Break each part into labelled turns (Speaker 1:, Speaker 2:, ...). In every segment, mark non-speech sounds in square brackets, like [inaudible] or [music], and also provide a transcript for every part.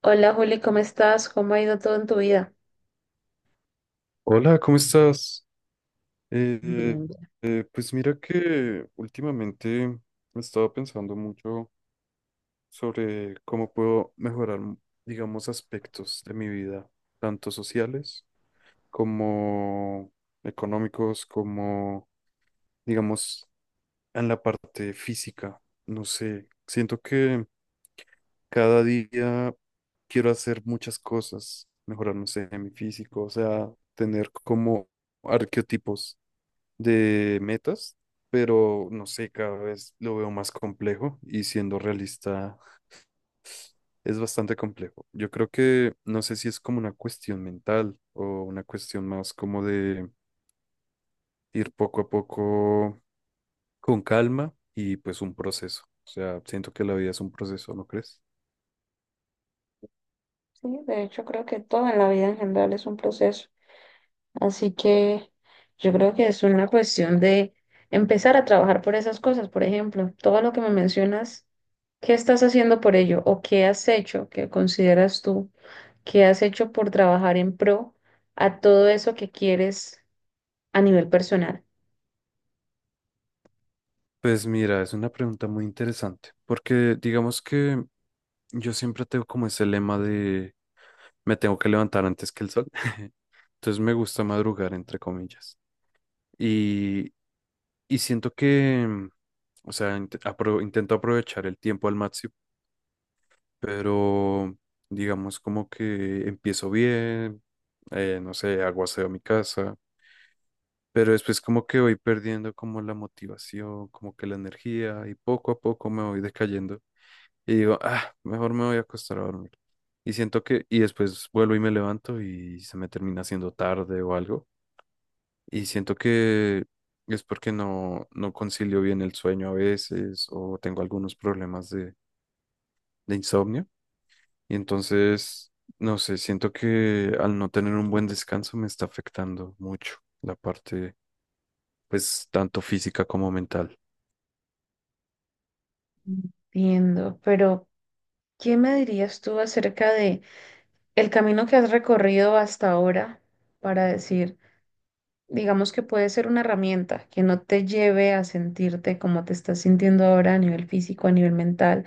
Speaker 1: Hola Juli, ¿cómo estás? ¿Cómo ha ido todo en tu vida?
Speaker 2: Hola, ¿cómo estás? Eh,
Speaker 1: Bien, bien.
Speaker 2: pues mira que últimamente he estado pensando mucho sobre cómo puedo mejorar, digamos, aspectos de mi vida, tanto sociales como económicos, como, digamos, en la parte física. No sé, siento que cada día quiero hacer muchas cosas, mejorar, no sé, mi físico, o sea, tener como arquetipos de metas, pero no sé, cada vez lo veo más complejo y siendo realista es bastante complejo. Yo creo que no sé si es como una cuestión mental o una cuestión más como de ir poco a poco con calma y pues un proceso. O sea, siento que la vida es un proceso, ¿no crees?
Speaker 1: Sí, de hecho creo que todo en la vida en general es un proceso. Así que yo creo que es una cuestión de empezar a trabajar por esas cosas, por ejemplo, todo lo que me mencionas, ¿qué estás haciendo por ello o qué has hecho, qué consideras tú, qué has hecho por trabajar en pro a todo eso que quieres a nivel personal?
Speaker 2: Pues mira, es una pregunta muy interesante, porque digamos que yo siempre tengo como ese lema de me tengo que levantar antes que el sol. [laughs] Entonces me gusta madrugar, entre comillas. Y, y siento que, o sea, intento aprovechar el tiempo al máximo, pero digamos como que empiezo bien, no sé, hago aseo a mi casa, pero después como que voy perdiendo como la motivación, como que la energía y poco a poco me voy decayendo y digo, ah, mejor me voy a acostar a dormir. Y siento que, y después vuelvo y me levanto y se me termina haciendo tarde o algo. Y siento que es porque no concilio bien el sueño a veces o tengo algunos problemas de insomnio. Y entonces, no sé, siento que al no tener un buen descanso me está afectando mucho la parte, pues, tanto física como mental.
Speaker 1: Entiendo, pero ¿qué me dirías tú acerca de el camino que has recorrido hasta ahora para decir, digamos que puede ser una herramienta que no te lleve a sentirte como te estás sintiendo ahora a nivel físico, a nivel mental?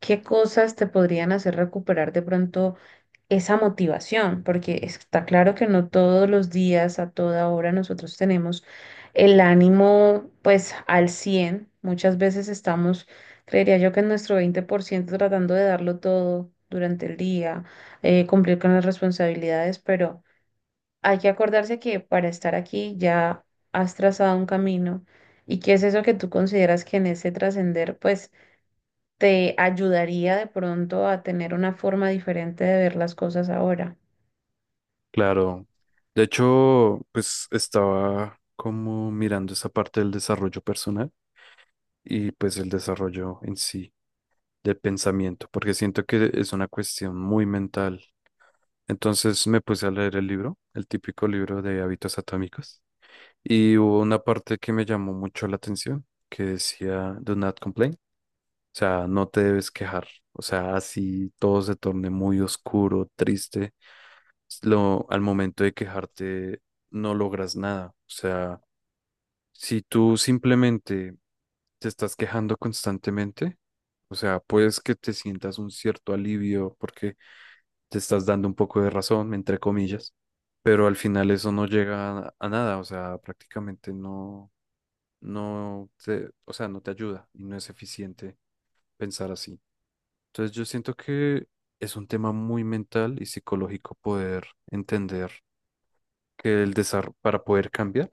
Speaker 1: ¿Qué cosas te podrían hacer recuperar de pronto esa motivación? Porque está claro que no todos los días, a toda hora, nosotros tenemos el ánimo pues al cien. Muchas veces estamos, creería yo, que en nuestro 20% tratando de darlo todo durante el día, cumplir con las responsabilidades, pero hay que acordarse que para estar aquí ya has trazado un camino, y qué es eso que tú consideras que en ese trascender pues te ayudaría de pronto a tener una forma diferente de ver las cosas ahora.
Speaker 2: Claro. De hecho, pues estaba como mirando esa parte del desarrollo personal y pues el desarrollo en sí de pensamiento, porque siento que es una cuestión muy mental. Entonces me puse a leer el libro, el típico libro de hábitos atómicos, y hubo una parte que me llamó mucho la atención, que decía, Do not complain, o sea, no te debes quejar, o sea, así todo se torne muy oscuro, triste, lo, al momento de quejarte no logras nada, o sea, si tú simplemente te estás quejando constantemente, o sea, puedes que te sientas un cierto alivio porque te estás dando un poco de razón, entre comillas, pero al final eso no llega a nada, o sea, prácticamente o sea, no te ayuda y no es eficiente pensar así. Entonces yo siento que es un tema muy mental y psicológico poder entender que el desarrollo, para poder cambiar,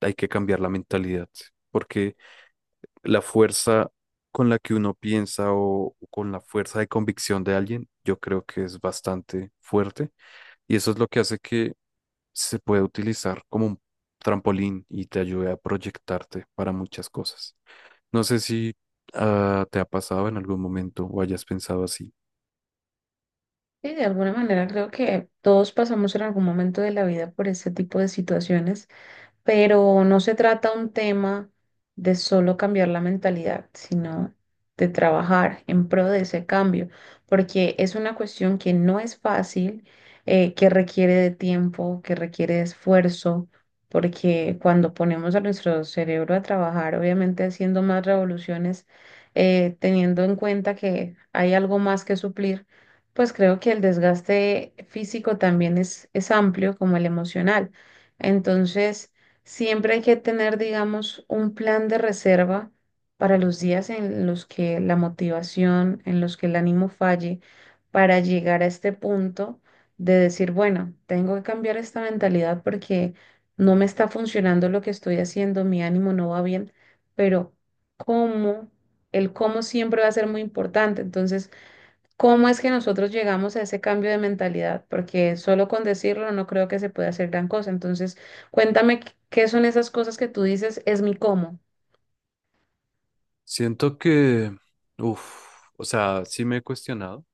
Speaker 2: hay que cambiar la mentalidad, porque la fuerza con la que uno piensa o con la fuerza de convicción de alguien, yo creo que es bastante fuerte. Y eso es lo que hace que se puede utilizar como un trampolín y te ayuda a proyectarte para muchas cosas. No sé si te ha pasado en algún momento o hayas pensado así.
Speaker 1: Sí, de alguna manera creo que todos pasamos en algún momento de la vida por este tipo de situaciones, pero no se trata un tema de solo cambiar la mentalidad, sino de trabajar en pro de ese cambio, porque es una cuestión que no es fácil, que requiere de tiempo, que requiere de esfuerzo, porque cuando ponemos a nuestro cerebro a trabajar, obviamente haciendo más revoluciones, teniendo en cuenta que hay algo más que suplir, pues creo que el desgaste físico también es amplio como el emocional. Entonces, siempre hay que tener, digamos, un plan de reserva para los días en los que la motivación, en los que el ánimo falle, para llegar a este punto de decir, bueno, tengo que cambiar esta mentalidad porque no me está funcionando lo que estoy haciendo, mi ánimo no va bien, pero cómo, el cómo siempre va a ser muy importante. Entonces, ¿cómo es que nosotros llegamos a ese cambio de mentalidad? Porque solo con decirlo no creo que se pueda hacer gran cosa. Entonces, cuéntame qué son esas cosas que tú dices, es mi cómo.
Speaker 2: Siento que, uff, o sea, sí me he cuestionado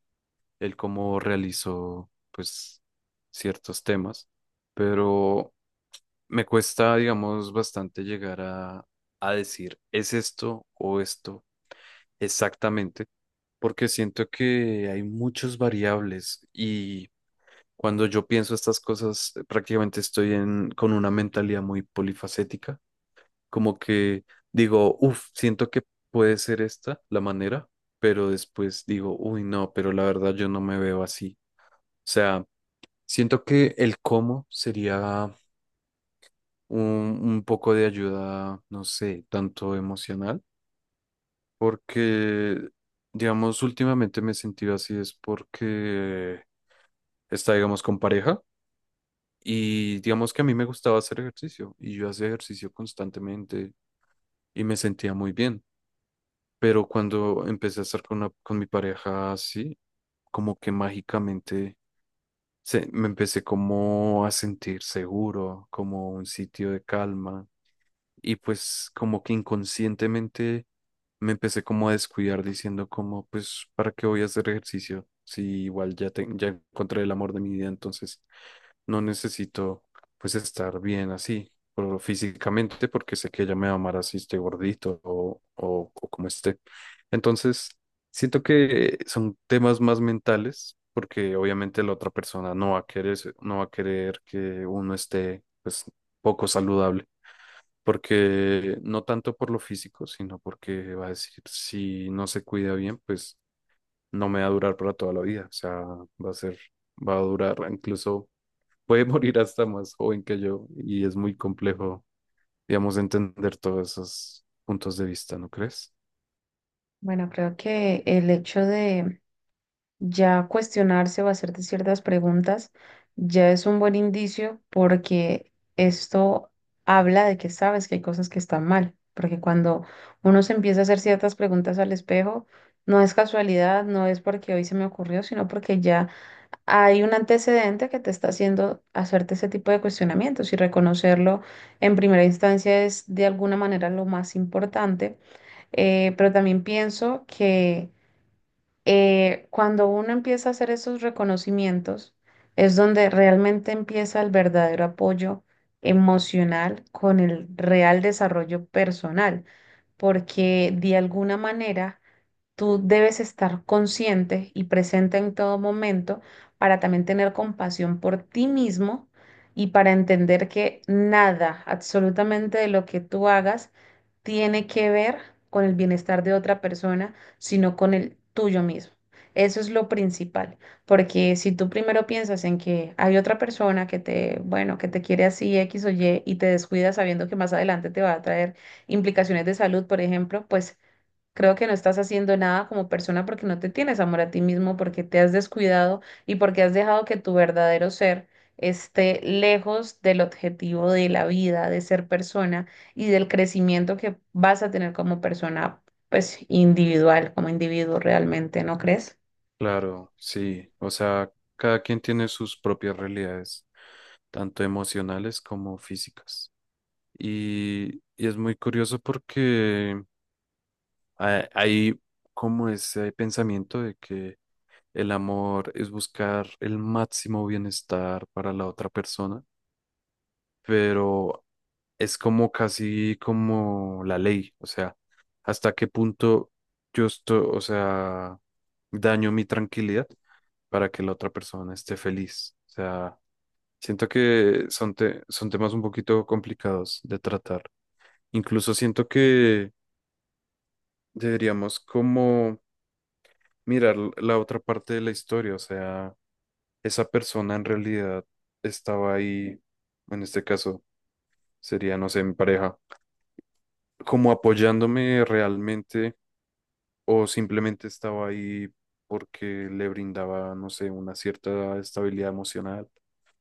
Speaker 2: el cómo realizo, pues, ciertos temas, pero me cuesta, digamos, bastante llegar a decir, ¿es esto o esto exactamente? Porque siento que hay muchas variables y cuando yo pienso estas cosas, prácticamente estoy en, con una mentalidad muy polifacética, como que digo, uff, siento que puede ser esta la manera, pero después digo, uy, no, pero la verdad yo no me veo así. O sea, siento que el cómo sería un, un poco de ayuda, no sé, tanto emocional, porque, digamos, últimamente me he sentido así, es porque está, digamos, con pareja. Y digamos que a mí me gustaba hacer ejercicio y yo hacía ejercicio constantemente y me sentía muy bien. Pero cuando empecé a estar con, con mi pareja así, como que mágicamente se, me empecé como a sentir seguro, como un sitio de calma. Y pues como que inconscientemente me empecé como a descuidar diciendo como, pues, ¿para qué voy a hacer ejercicio? Si igual ya, ya encontré el amor de mi vida, entonces no necesito pues estar bien así, pero físicamente, porque sé que ella me va a amar así esté gordito o como esté. Entonces, siento que son temas más mentales, porque obviamente la otra persona no va a querer, no va a querer que uno esté pues poco saludable, porque no tanto por lo físico, sino porque va a decir, si no se cuida bien, pues no me va a durar para toda la vida, o sea, va a ser, va a durar incluso puede [laughs] morir hasta más joven que yo y es muy complejo, digamos, entender todos esos puntos de vista, ¿no crees?
Speaker 1: Bueno, creo que el hecho de ya cuestionarse o hacerte ciertas preguntas ya es un buen indicio, porque esto habla de que sabes que hay cosas que están mal, porque cuando uno se empieza a hacer ciertas preguntas al espejo, no es casualidad, no es porque hoy se me ocurrió, sino porque ya hay un antecedente que te está haciendo hacerte ese tipo de cuestionamientos, y reconocerlo en primera instancia es de alguna manera lo más importante. Pero también pienso que cuando uno empieza a hacer esos reconocimientos es donde realmente empieza el verdadero apoyo emocional con el real desarrollo personal, porque de alguna manera tú debes estar consciente y presente en todo momento para también tener compasión por ti mismo y para entender que nada, absolutamente de lo que tú hagas, tiene que ver con el bienestar de otra persona, sino con el tuyo mismo. Eso es lo principal, porque si tú primero piensas en que hay otra persona que te, bueno, que te quiere así X o Y, y te descuidas sabiendo que más adelante te va a traer implicaciones de salud, por ejemplo, pues creo que no estás haciendo nada como persona, porque no te tienes amor a ti mismo, porque te has descuidado y porque has dejado que tu verdadero ser esté lejos del objetivo de la vida, de ser persona y del crecimiento que vas a tener como persona, pues individual, como individuo realmente, ¿no crees?
Speaker 2: Claro, sí, o sea, cada quien tiene sus propias realidades, tanto emocionales como físicas. Y es muy curioso porque hay como ese pensamiento de que el amor es buscar el máximo bienestar para la otra persona, pero es como casi como la ley, o sea, hasta qué punto yo estoy, o sea, daño mi tranquilidad para que la otra persona esté feliz. O sea, siento que son, son temas un poquito complicados de tratar. Incluso siento que deberíamos como mirar la otra parte de la historia, o sea, esa persona en realidad estaba ahí, en este caso sería, no sé, mi pareja, como apoyándome realmente o simplemente estaba ahí porque le brindaba, no sé, una cierta estabilidad emocional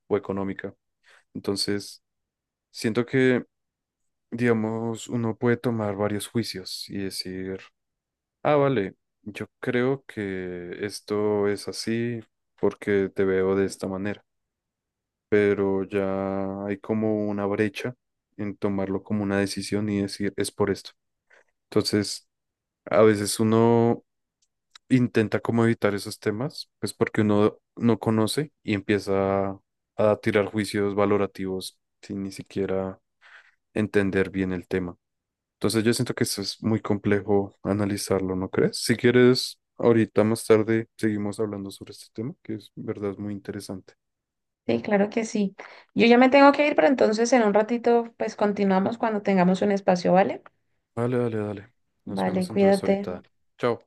Speaker 2: o económica. Entonces, siento que, digamos, uno puede tomar varios juicios y decir, ah, vale, yo creo que esto es así porque te veo de esta manera, pero ya hay como una brecha en tomarlo como una decisión y decir, es por esto. Entonces, a veces uno intenta como evitar esos temas, pues porque uno no conoce y empieza a tirar juicios valorativos sin ni siquiera entender bien el tema. Entonces yo siento que eso es muy complejo analizarlo, ¿no crees? Si quieres, ahorita más tarde seguimos hablando sobre este tema, que es verdad es muy interesante.
Speaker 1: Sí, claro que sí. Yo ya me tengo que ir, pero entonces en un ratito, pues continuamos cuando tengamos un espacio, ¿vale?
Speaker 2: Dale, dale, dale. Nos
Speaker 1: Vale,
Speaker 2: vemos entonces ahorita.
Speaker 1: cuídate.
Speaker 2: Dani. Chao.